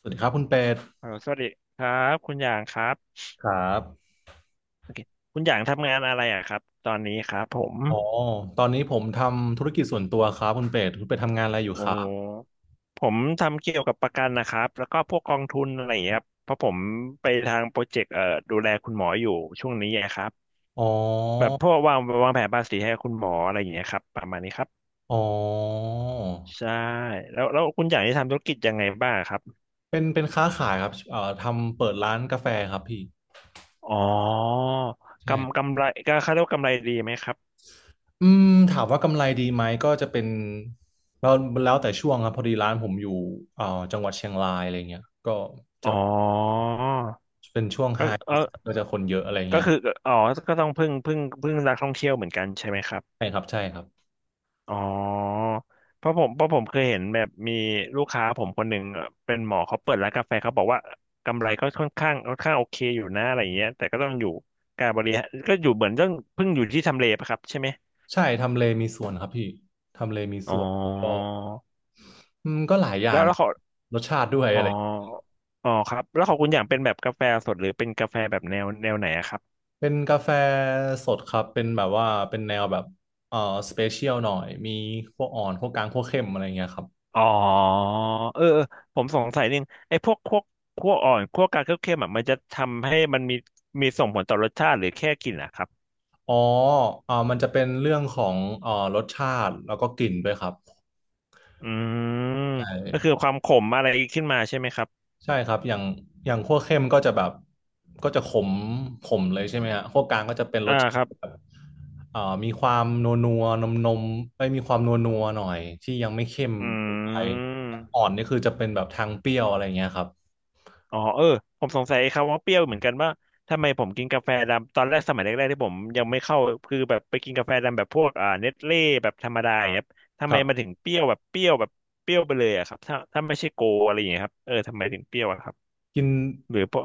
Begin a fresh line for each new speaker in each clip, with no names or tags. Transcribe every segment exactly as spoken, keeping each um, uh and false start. สวัสดีครับคุณเป็ด
เออสวัสดีครับคุณหยางครับ
ครับ
โอเคคุณหยางทำงานอะไรอ่ะครับตอนนี้ครับผม
อ๋อตอนนี้ผมทำธุรกิจส่วนตัวครับคุณเป็ดคุณเป็ดทำงานอะไรอยู่
โอ้
ครั
โห
บ
ผมทำเกี่ยวกับประกันนะครับแล้วก็พวกกองทุนอะไรอย่างเงี้ยครับเพราะผมไปทางโปรเจกต์เอ่อดูแลคุณหมออยู่ช่วงนี้ไงครับ
อ๋อ
แบบพวกวางวางแผนภาษีให้คุณหมออะไรอย่างเงี้ยครับประมาณนี้ครับ
อ๋อ
ใช่แล้วแล้วคุณหยางที่ทำธุรกิจยังไงบ้างครับ
เป็นเป็นค้าขายครับเอ่อทำเปิดร้านกาแฟครับพี่
อ๋อ
ใช่
กำกำไรก็เขาเรียกว่ากำไรดีไหมครับ
อืมถามว่ากำไรดีไหมก็จะเป็นเราแล้วแต่ช่วงครับพอดีร้านผมอยู่เอ่อจังหวัดเชียงรายอะไรเงี้ยก็
อ๋
จะ
อ
เป็นช่วง
เ
ไฮ
ออ
ก็จะคนเยอะอะไร
ก็
เงี้ย
คืออ๋อก็ต้องพึ่งพึ่งพึ่งนักท่องเที่ยวเหมือนกันใช่ไหมครับ
ใช่ครับใช่ครับ
อ๋อเพราะผมเพราะผมเคยเห็นแบบมีลูกค้าผมคนหนึ่งเอ่อเป็นหมอเขาเปิดร้านกาแฟเขาบอกว่ากำไรก็ค่อนข้างค่อนข้างโอเคอยู่นะอะไรอย่างเงี้ยแต่ก็ต้องอยู่การบริหารก็อยู่เหมือนต้องเพึ่งอยู่ที่ทำเลปะครับใช่ไหม
ใช่ทำเลมีส่วนครับพี่ทำเลมี
อ๋อ
ส่วน อืมก็หลายอย่า
แล้
ง
วแล้วเขา
รสชาติด้วย
อ๋อ
อะไร
อ๋อครับแล้วของคุณอย่างเป็นแบบกาแฟสดหรือเป็นกาแฟแบบแนวแนวไหนอะครับ
เป็นกาแฟสดครับเป็นแบบว่าเป็นแนวแบบเอ่อสเปเชียลหน่อยมีพวกอ่อนพวกกลางพวกเข้มอะไรเงี้ยครับ
อ๋อเออเออผมสงสัยนิดนึงไอ้พวกคั่วคั่วอ่อนคั่วกลางคั่วเค็มอ่ะมันจะทำให้มันมีมีส่งผลต่อรสชาติหรือแค่กลิ่นนะครับ
อ๋อเอ่อมันจะเป็นเรื่องของเอ่อรสชาติแล้วก็กลิ่นด้วยครับ
อืม
ใช่
ก็คือความขมอะไรขึ้นมาใช่ไหมครับ
ใช่ครับอย่างอย่างคั่วเข้มก็จะแบบก็จะขมขมเลยใช่ไหมฮะคั่วกลางก็จะเป็นร
อ่า
สชา
ครับ
ติแบบเอ่อมีความนัวนัวนมนมไม่มีความนัวนัวหน่อยที่ยังไม่เข้ม
อื
เกินไปอ่อ
ม
นนี่คือจะเป็นแบบทางเปรี้ยวอะไรอย่างเงี้ยครับ
อ๋อเออผมสงสัยครับว่าเปรี้ยวเหมือนกันว่าทำไมผมกินกาแฟดำตอนแรกสมัยแรกๆที่ผมยังไม่เข้าคือแบบไปกินกาแฟดำแบบพวกอ่าเน็ตเล่แบบธรรมดาอย่างเงี้ยครับทำ
ค
ไม
รับ
มันถึงเปรี้ยวแบบเปรี้ยวแบบเปรี้ยวไปเลยอะครับถ้าถ้าไม่ใช่โกอะไรอย่างเงี้ยครับเออทำไมถึงเปรี้ยวอะครับ
กิน
หรือปะ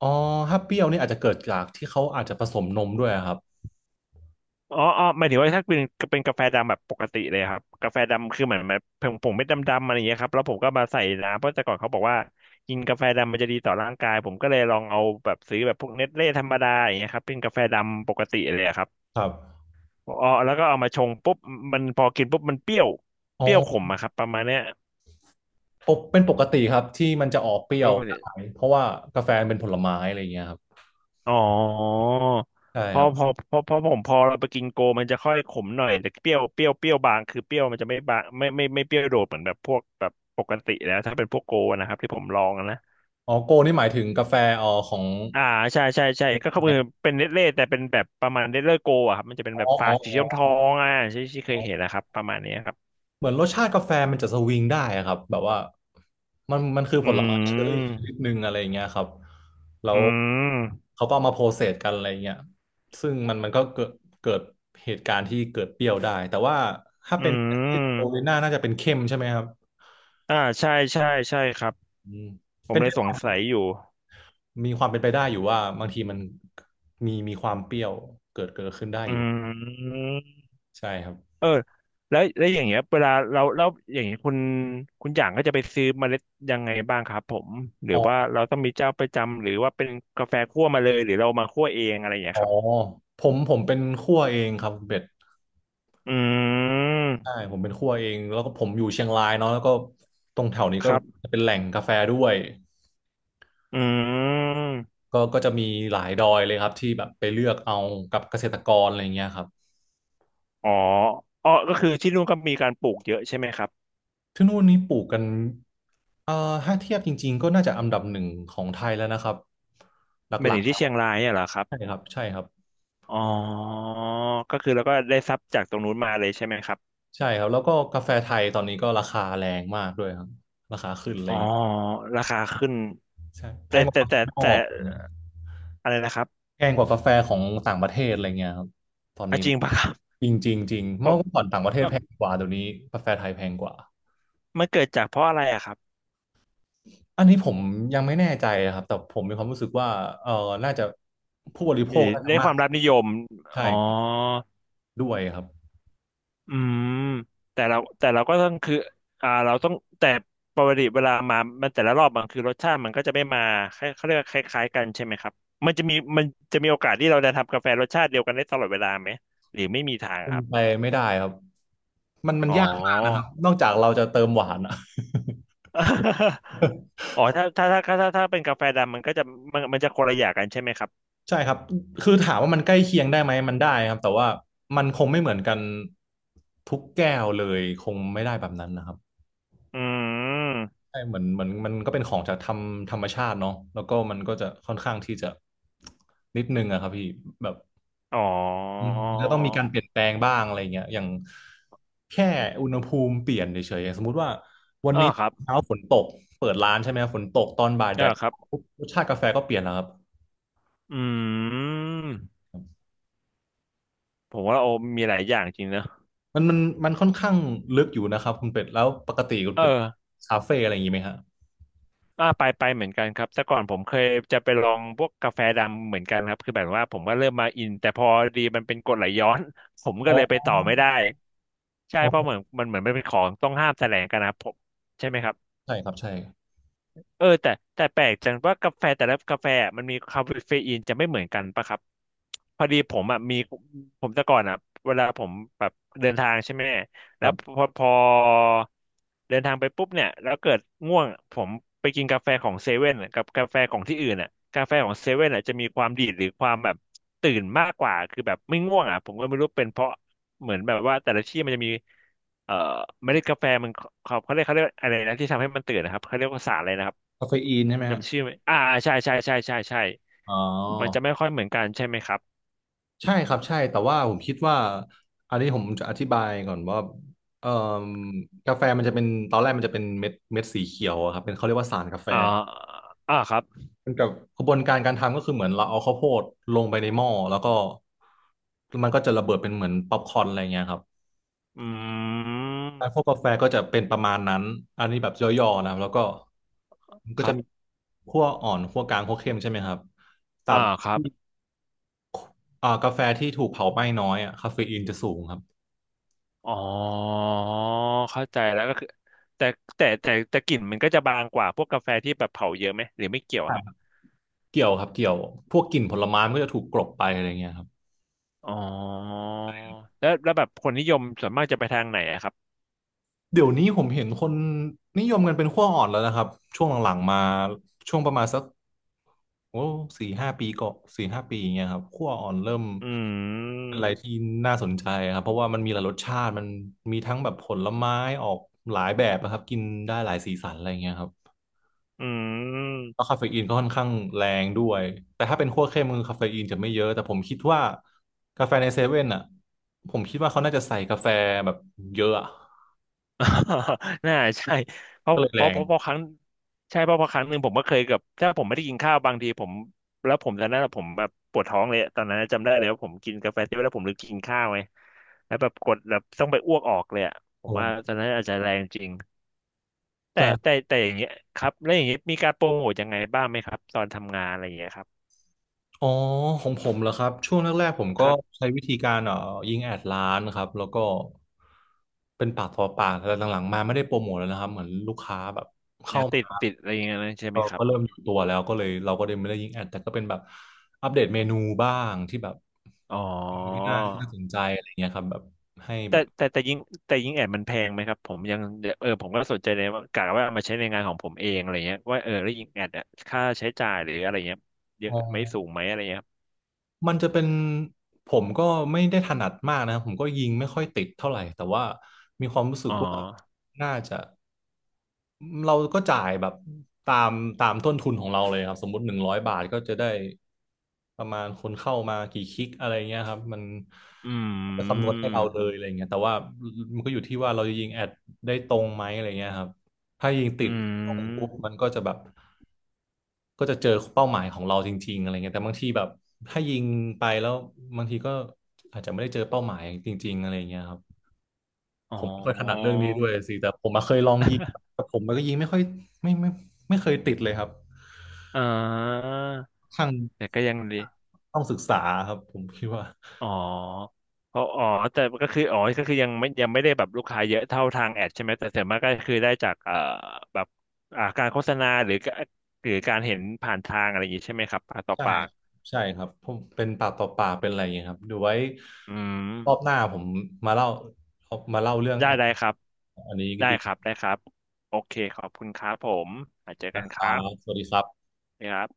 อ๋อถ้าเปรี้ยวนี่อาจจะเกิดจากที่เขาอาจจะผสมนมด้วยอะครับ
อ๋ออ๋อหมายถึงว่าถ้าเป็นเป็นกาแฟดำแบบปกติเลยครับกาแฟดำคือเหมือนแบบผมผมไม่ดำดำอะไรอย่างเงี้ยครับแล้วผมก็มาใส่น้ำเพราะแต่ก่อนเขาบอกว่ากินกาแฟดำมันจะดีต่อร่างกายผมก็เลยลองเอาแบบซื้อแบบพวกเนสเล่ธรรมดาอย่างเงี้ยครับเป็นกาแฟดำปกติเลยครับ
ครับ
อ๋อแล้วก็เอามาชงปุ๊บมันพอกินปุ๊บมันเปรี้ยว
อ๋อ
เปรี้ยวขมอะครับประมาณเนี้ย
ปกเป็นปกติครับที่มันจะออกเปรี้ยวได้เพราะว่ากาแฟเป็นผลไม้อะไรอย่างเงี้ยครับ
อ๋อ
ใช่
พ
ค
อ
รับ
พอพอพอผมพอเราไปกินโกมันจะค่อยขมหน่อยแต่เปรี้ยวเปรี้ยวเปรี้ยวบางคือเปรี้ยวมันจะไม่บางไม่ไม่ไม่เปรี้ยวโดดเหมือนแบบพวกแบบปกติแล้วถ้าเป็นพวกโกนะครับที่ผมลองนะ
อ๋อโกนี่หมายถึงกาแฟอ๋อของ
อ่าใช่ใช่ใช่ก็
ใน
คือเป็นเนสเล่แต่เป็นแบบประมาณเนตเล่โกอะครับมันจะเป็น
อ๋อ
แบบฝา
อ๋อ
สีทองทอ
อ๋อ
งอ่ะที่ที่เคยเห็นนะครับประมาณนี้ครับ
เหมือนรสชาติกาแฟมันจะสวิงได้อะครับแบบว่ามันมันคือ
อื
ผลไม้เชอร์รี่ช
ม
นิดหนึ่งอะไรอย่างเงี้ยครับแล้
อื
ว
ม
เขาก็เอามาโพสเซสกันอะไรอย่างเงี้ยซึ่งมันมันก็เกิดเกิดเหตุการณ์ที่เกิดเปรี้ยวได้แต่ว่าถ้า
อื
เป็นโอลิ
ม
น่าน่าจะเป็นเข้มใช่ไหมครับ
อ่าใช่ใช่ใช่ครับ
อืม
ผมเลยสงสัยอยู่
มีความเป็นไปได้อยู่ว่าบางทีมันมีมีความเปรี้ยวเกิดเกิดขึ้นได้อยู่
อืม
ใช่ครับ
เออแล้วแล้วอย่างเงี้ยเวลาเราเราอย่างเงี้ยคุณคุณอย่างก็จะไปซื้อเมล็ดยังไงบ้างครับผมหรือ
อ๋
ว่า
อ
เราต้องมีเจ้าประจำหรือว่าเป็นกาแฟคั่วมาเลยหรือเรามาคั่วเองอะไรอย่างเงี้
อ๋
ย
อ
ครับ
ผมผมเป็นคั่วเองครับคุณเป็ด
อื
ใช่
ม
ผมเป็นคั่วเองแล้วก็ผมอยู่เชียงรายเนาะแล้วก็ตรงแถวนี้
ค
ก็
รับ
เป็นแหล่งกาแฟด้วย
อืม
ก็ก็จะมีหลายดอยเลยครับที่แบบไปเลือกเอากับเกษตรกรอะไรเงี้ยครับ
อ๋ออ๋อก็คือที่นู่นก็มีการปลูกเยอะใช่ไหมครับ
ที่นู่นนี้ปลูกกันเอ่อถ้าเทียบจริงๆก็น่าจะอันดับหนึ่งของไทยแล้วนะครับห
ไม่
ลั
ถึ
ก
งที่เชียงรายเนี่ยเหรอครั
ๆ
บ
ใช่ครับใช่ครับ
อ๋อก็คือเราก็ได้ทรัพย์จากตรงนู้นมาเลยใช่ไหมครับ
ใช่ครับแล้วก็กาแฟไทยตอนนี้ก็ราคาแรงมากด้วยครับราคาขึ้นเล
อ๋อ
ย
ราคาขึ้น
ใช่แพ
แต่
งก
แต่
ว่า
แต่
ข้างนอ
แต่
กเลย
อะไรนะครับ
แพงกว่ากาแฟของต่างประเทศอะไรเงี้ยครับตอน
อ่ะ
นี้
จริ
นะ
งปะค
จริงจริงจริงเมื่อก่อนต่างประเทศ
รับ
แพงกว่าเดี๋ยวนี้กาแฟไทยแพงกว่า
มันเกิดจากเพราะอะไรอะครับ
อันนี้ผมยังไม่แน่ใจนะครับแต่ผมมีความรู้สึกว่าเออน่าจะผู้บริโภ
มี
คน่าจะ
ได้
มา
ค
ก
วามรับนิยม
ใช่
อ๋อ
ด้วยครับ
อืมแต่เราแต่เราก็ต้องคืออ่าเราต้องแต่ปกติเวลามามันแต่ละรอบมันคือรสชาติมันก็จะไม่มาคล้ายเขาเรียกว่าคล้ายๆกันใช่ไหมครับ มันจะมีมันจะมีโอกาสที่เราจะทำกาแฟรสชาติเดียวกันได้ตลอดเวลาไหมหรือไม่มีทาง
เป็
ค
น
รับ
ไปไม่ได้ครับมันมัน
อ๋อ
ยากมากนะครับนอกจากเราจะเติมหวานอะ
อ๋อถ้าถ้าถ้าถ้าถ้าถ้าเป็นกาแฟดำมันก็จะมันมันจะคนละอย่างกันใช่ไหมครับ
ใช่ครับคือถามว่ามันใกล้เคียงได้ไหมมันได้ครับแต่ว่ามันคงไม่เหมือนกันทุกแก้วเลยคงไม่ได้แบบนั้นนะครับ
อืม
ใช่เหมือนเหมือนมันก็เป็นของจากธรรมธรรมชาติเนาะแล้วก็มันก็จะค่อนข้างที่จะนิดนึงอะครับพี่แบบ
อ๋อ
อืมจะต้องมีการเปลี่ยนแปลงบ้างอะไรเงี้ยอย่างแค่อุณหภูมิเปลี่ยนเฉยๆสมมุติว่าวัน
อ๋อ
นี้
ครับ
เช้าฝนตกเปิดร้านใช่ไหมครับฝนตกตอนบ่ายแด
อ่า
ด
ครับ
ปุ๊บรสชาติกาแฟก็เปลี่ยนแล้วครับ
อืมผมว่าโอมีหลายอย่างจริงเนอะ
มันมันมันค่อนข้างลึกอยู่นะครับคุณเป็ดแล้วปกติคุณ
เอ
เป็ด
อ
คาเฟ่อะไรอย่างนี้ไหมฮะ
อ่าไปไปเหมือนกันครับแต่ก่อนผมเคยจะไปลองพวกกาแฟดำเหมือนกันครับคือแบบว่าผมก็เริ่มมาอินแต่พอดีมันเป็นกรดไหลย้อน ผมก็
อ๋
เลยไป
อ
ต่อไม่ได้ใช่
อ๋
เพราะเหมื
อ
อนมันเหมือนมันเป็นของต้องห้ามแสลงกันนะครับผมใช่ไหมครับ
ใช่ครับใช่
เออแต่แต่แปลกจังว่ากาแฟแต่ละกาแฟอะมันมีคาเฟอีนจะไม่เหมือนกันปะครับพอดีผมอ่ะมีผมแต่ก่อนอ่ะเวลาผมแบบเดินทางใช่ไหม
ค
แล้
รั
ว
บ
พอพอเดินทางไปปุ๊บเนี่ยแล้วเกิดง่วงผมไปกินกาแฟของเซเว่นกับกาแฟของที่อื่นอ่ะกาแฟของเซเว่นอ่ะจะมีความดีดหรือความแบบตื่นมากกว่าคือแบบไม่ง่วงอ่ะผมก็ไม่รู้เป็นเพราะเหมือนแบบว่าแต่ละที่มันจะมี เอ่อเมล็ดกาแฟมันเขาเขาเรียกเขาเรียกอะไรนะที่ทำให้มันตื่นนะครับเขาเรียกว่าสารอะไรนะครับ
คาเฟอีนใช่ไหมฮะ
จำชื่อไม่อ่าใช่ใช่ใช่ใช่ใช่
อ๋อ
มันจะไม่ค่อยเหมือนกันใช่ไหมครับ
ใช่ครับใช่แต่ว่าผมคิดว่าอันนี้ผมจะอธิบายก่อนว่าเอ่มกาแฟมันจะเป็นตอนแรกมันจะเป็นเม็ดเม็ดสีเขียวอะครับเป็นเขาเรียกว่าสารกาแฟ
อ่าอ่าครับ
มันกับกระบวนการการทำก็คือเหมือนเราเอาข้าวโพดลงไปในหม้อแล้วก็มันก็จะระเบิดเป็นเหมือนป๊อปคอร์นอะไรเงี้ยครับ
อื
การคั่ว
ม
กาแฟก็จะเป็นประมาณนั้นอันนี้แบบย่อๆนะครับแล้วก็มันก็
ครั
จะมี
บ
คั่วอ่อนคั่วกลางคั่วเข้มใช่ไหมครับตรา
อ่า
บ
ครับ
ที่อ่ากาแฟที่ถูกเผาไหม้น้อยอะคาเฟอีนจะสูงครับ
อ๋อเข้าใจแล้วก็คือแต่แต่แต่แต่กลิ่นมันก็จะบางกว่าพวกกาแฟที่แบบเผาเยอะไหมหรือไม่เกี่ยวครับ
เกี่ยวครับเกี่ยวพวกกลิ่นผลไม้มันก็จะถูกกลบไปอะไรเงี้ยครับ
อ๋อแล้วแล้วแบบคนนิยมส่วนมากจะไปทางไหนอะครับ
เดี๋ยวนี้ผมเห็นคนนิยมกันเป็นขั้วอ่อนแล้วนะครับช่วงหลังๆมาช่วงประมาณสักโอ้สี่ห้าปีก่อนสี่ห้าปีอย่างเงี้ยครับขั้วอ่อนเริ่ม
อื
เป็นอะ
ม
ไรที่น่าสนใจครับเพราะว่ามันมีหลายรสชาติมันมีทั้งแบบผลไม้ออกหลายแบบนะครับกินได้หลายสีสันอะไรเงี้ยครับ
อื
แล้ว
ม
คาเฟอีนก็ค่อนข้างแรงด้วย แต่ถ้าเป็นคั่วเข้มคือคาเฟอีนจะไม่เยอะ แต่ผมคิดว่ากาแฟในเซเว่นอ่ะ ผมคิดว่าเขาน่าจะใส่กาแฟแบบเยอะอะ
น่าใช่เพราะ
ก็เลย
เพ
แร
ราะ
ง
เพราะเพราะครั้งใช่เพราะเพราะครั้งหนึ่งผมก็เคยกับถ้าผมไม่ได้กินข้าวบางทีผมแล้วผมตอนนั้นอะผมแบบปวดท้องเลยตอนนั้นจำได้เลยว่าผมกินกาแฟเสร็จแล้วผมลืมกินข้าวไงแล้วแบบกดแบบต้องไปอ้วกออกเลยอะผม
โอ้
ว่าตอนนั้นอาจจะแรงจริงแต่
แต่
แต่แต่อย่างเงี้ยครับแล้วอย่างเงี้ยมีการโปรโมทยังไงบ้างไหมครับตอนทำงานอะไรอย่างเงี้ยครับ
อ๋อของผมเหรอครับ ช่วงแรกๆผม
ค
ก็
รับ
ใช้วิธีการเอ่อยิงแอดร้านครับ แล้วก็เป็นปากต่อปากแต่หลังๆมาไม่ได้โปรโมทแล้วนะครับ เหมือนลูกค้าแบบเข้า
เดี๋ยวติ
มา
ดติดอะไรอย่างเงี้ยนะใช่ไหม
ก็
ครั
ก็
บ
เริ่มอยู่ตัวแล้วก็เลยเราก็เลยไม่ได้ยิงแอดแต่ก็เป็นแบบอัปเดตเมนูบ้างที่แบบ
อ๋อ
ที่น่าที่น่าสนใจอะไรเงี้ยครับแบบให้แบ
แต่
บ
แต่แต่ยิงแต่ยิงแอดมันแพงไหมครับผมยังเออผมก็สนใจเลยว่ากะว่าเอามาใช้ในงานของผมเองอะไรเงี้ยว่าเออแล้วยิงแอดอะค่าใช้จ่ายหรืออะไรเงี้ยเย
อ๋อ
อะไหมสูงไหมอะไรเงี้ยครับ
มันจะเป็นผมก็ไม่ได้ถนัดมากนะครับผมก็ยิงไม่ค่อยติดเท่าไหร่แต่ว่ามีความรู้สึก
อ๋อ
ว่าน่าจะ เราก็จ่ายแบบตามตามต้นทุนของเราเลยครับสมมติหนึ่งร้อยบาทก็จะได้ประมาณคนเข้ามากี่คลิกอะไรเงี้ยครับมัน
อื
จะคำนวณ
ม
ให้เราเลยอะไรเงี้ยแต่ว่ามันก็อยู่ที่ว่าเราจะยิงแอดได้ตรงไหมอะไรเงี้ยครับถ้ายิงติด
อื
ตรงปุ๊บ
ม
มันก็จะแบบก็จะเจอเป้าหมายของเราจริงๆอะไรเงี้ยแต่บางทีแบบถ้ายิงไปแล้วบางทีก็อาจจะไม่ได้เจอเป้าหมายจริงๆอะไรเงี้ยครับ
อ๋อ
ผมไม่ค่อยถนัดเรื่องนี้ด้วยสิแต่ผมมาเคยลองยิง แต่ผมมันก็ยิงไม่ค่อยไม่ไม่ไม่ไม่เคยติดเลยครับ
อ่า
ทาง
แต่ก็ยังดี
ต้องศึกษาครับผมคิดว่า
อ๋อเพราะอ๋อแต่ก็คืออ๋อก็คือยังไม่ยังไม่ได้แบบลูกค้าเยอะเท่าทางแอดใช่ไหมแต่ส่วนมากก็คือได้จากเอ่อแบบอ่าการโฆษณาหรือก็หรือการเห็นผ่านทางอะไรอย่างนี้ใช่ไหมครับปากต่อ
ใช่
ปาก
ใช่ครับผมเป็นปากต่อปากเป็นอะไรอย่างเงี้ยครับเดี๋ยวไว้
อืม
รอบหน้าผมมาเล่ามาเล่าเรื่อง
ได้
แอด
ได้ครับ
อันนี้
ได้
ดี
ครับได้ครับโอเคขอบคุณครับผมอาจเจอกั
นะ
น
ค
ครั
รับ
บ
สวัสดีครับ
นะครับ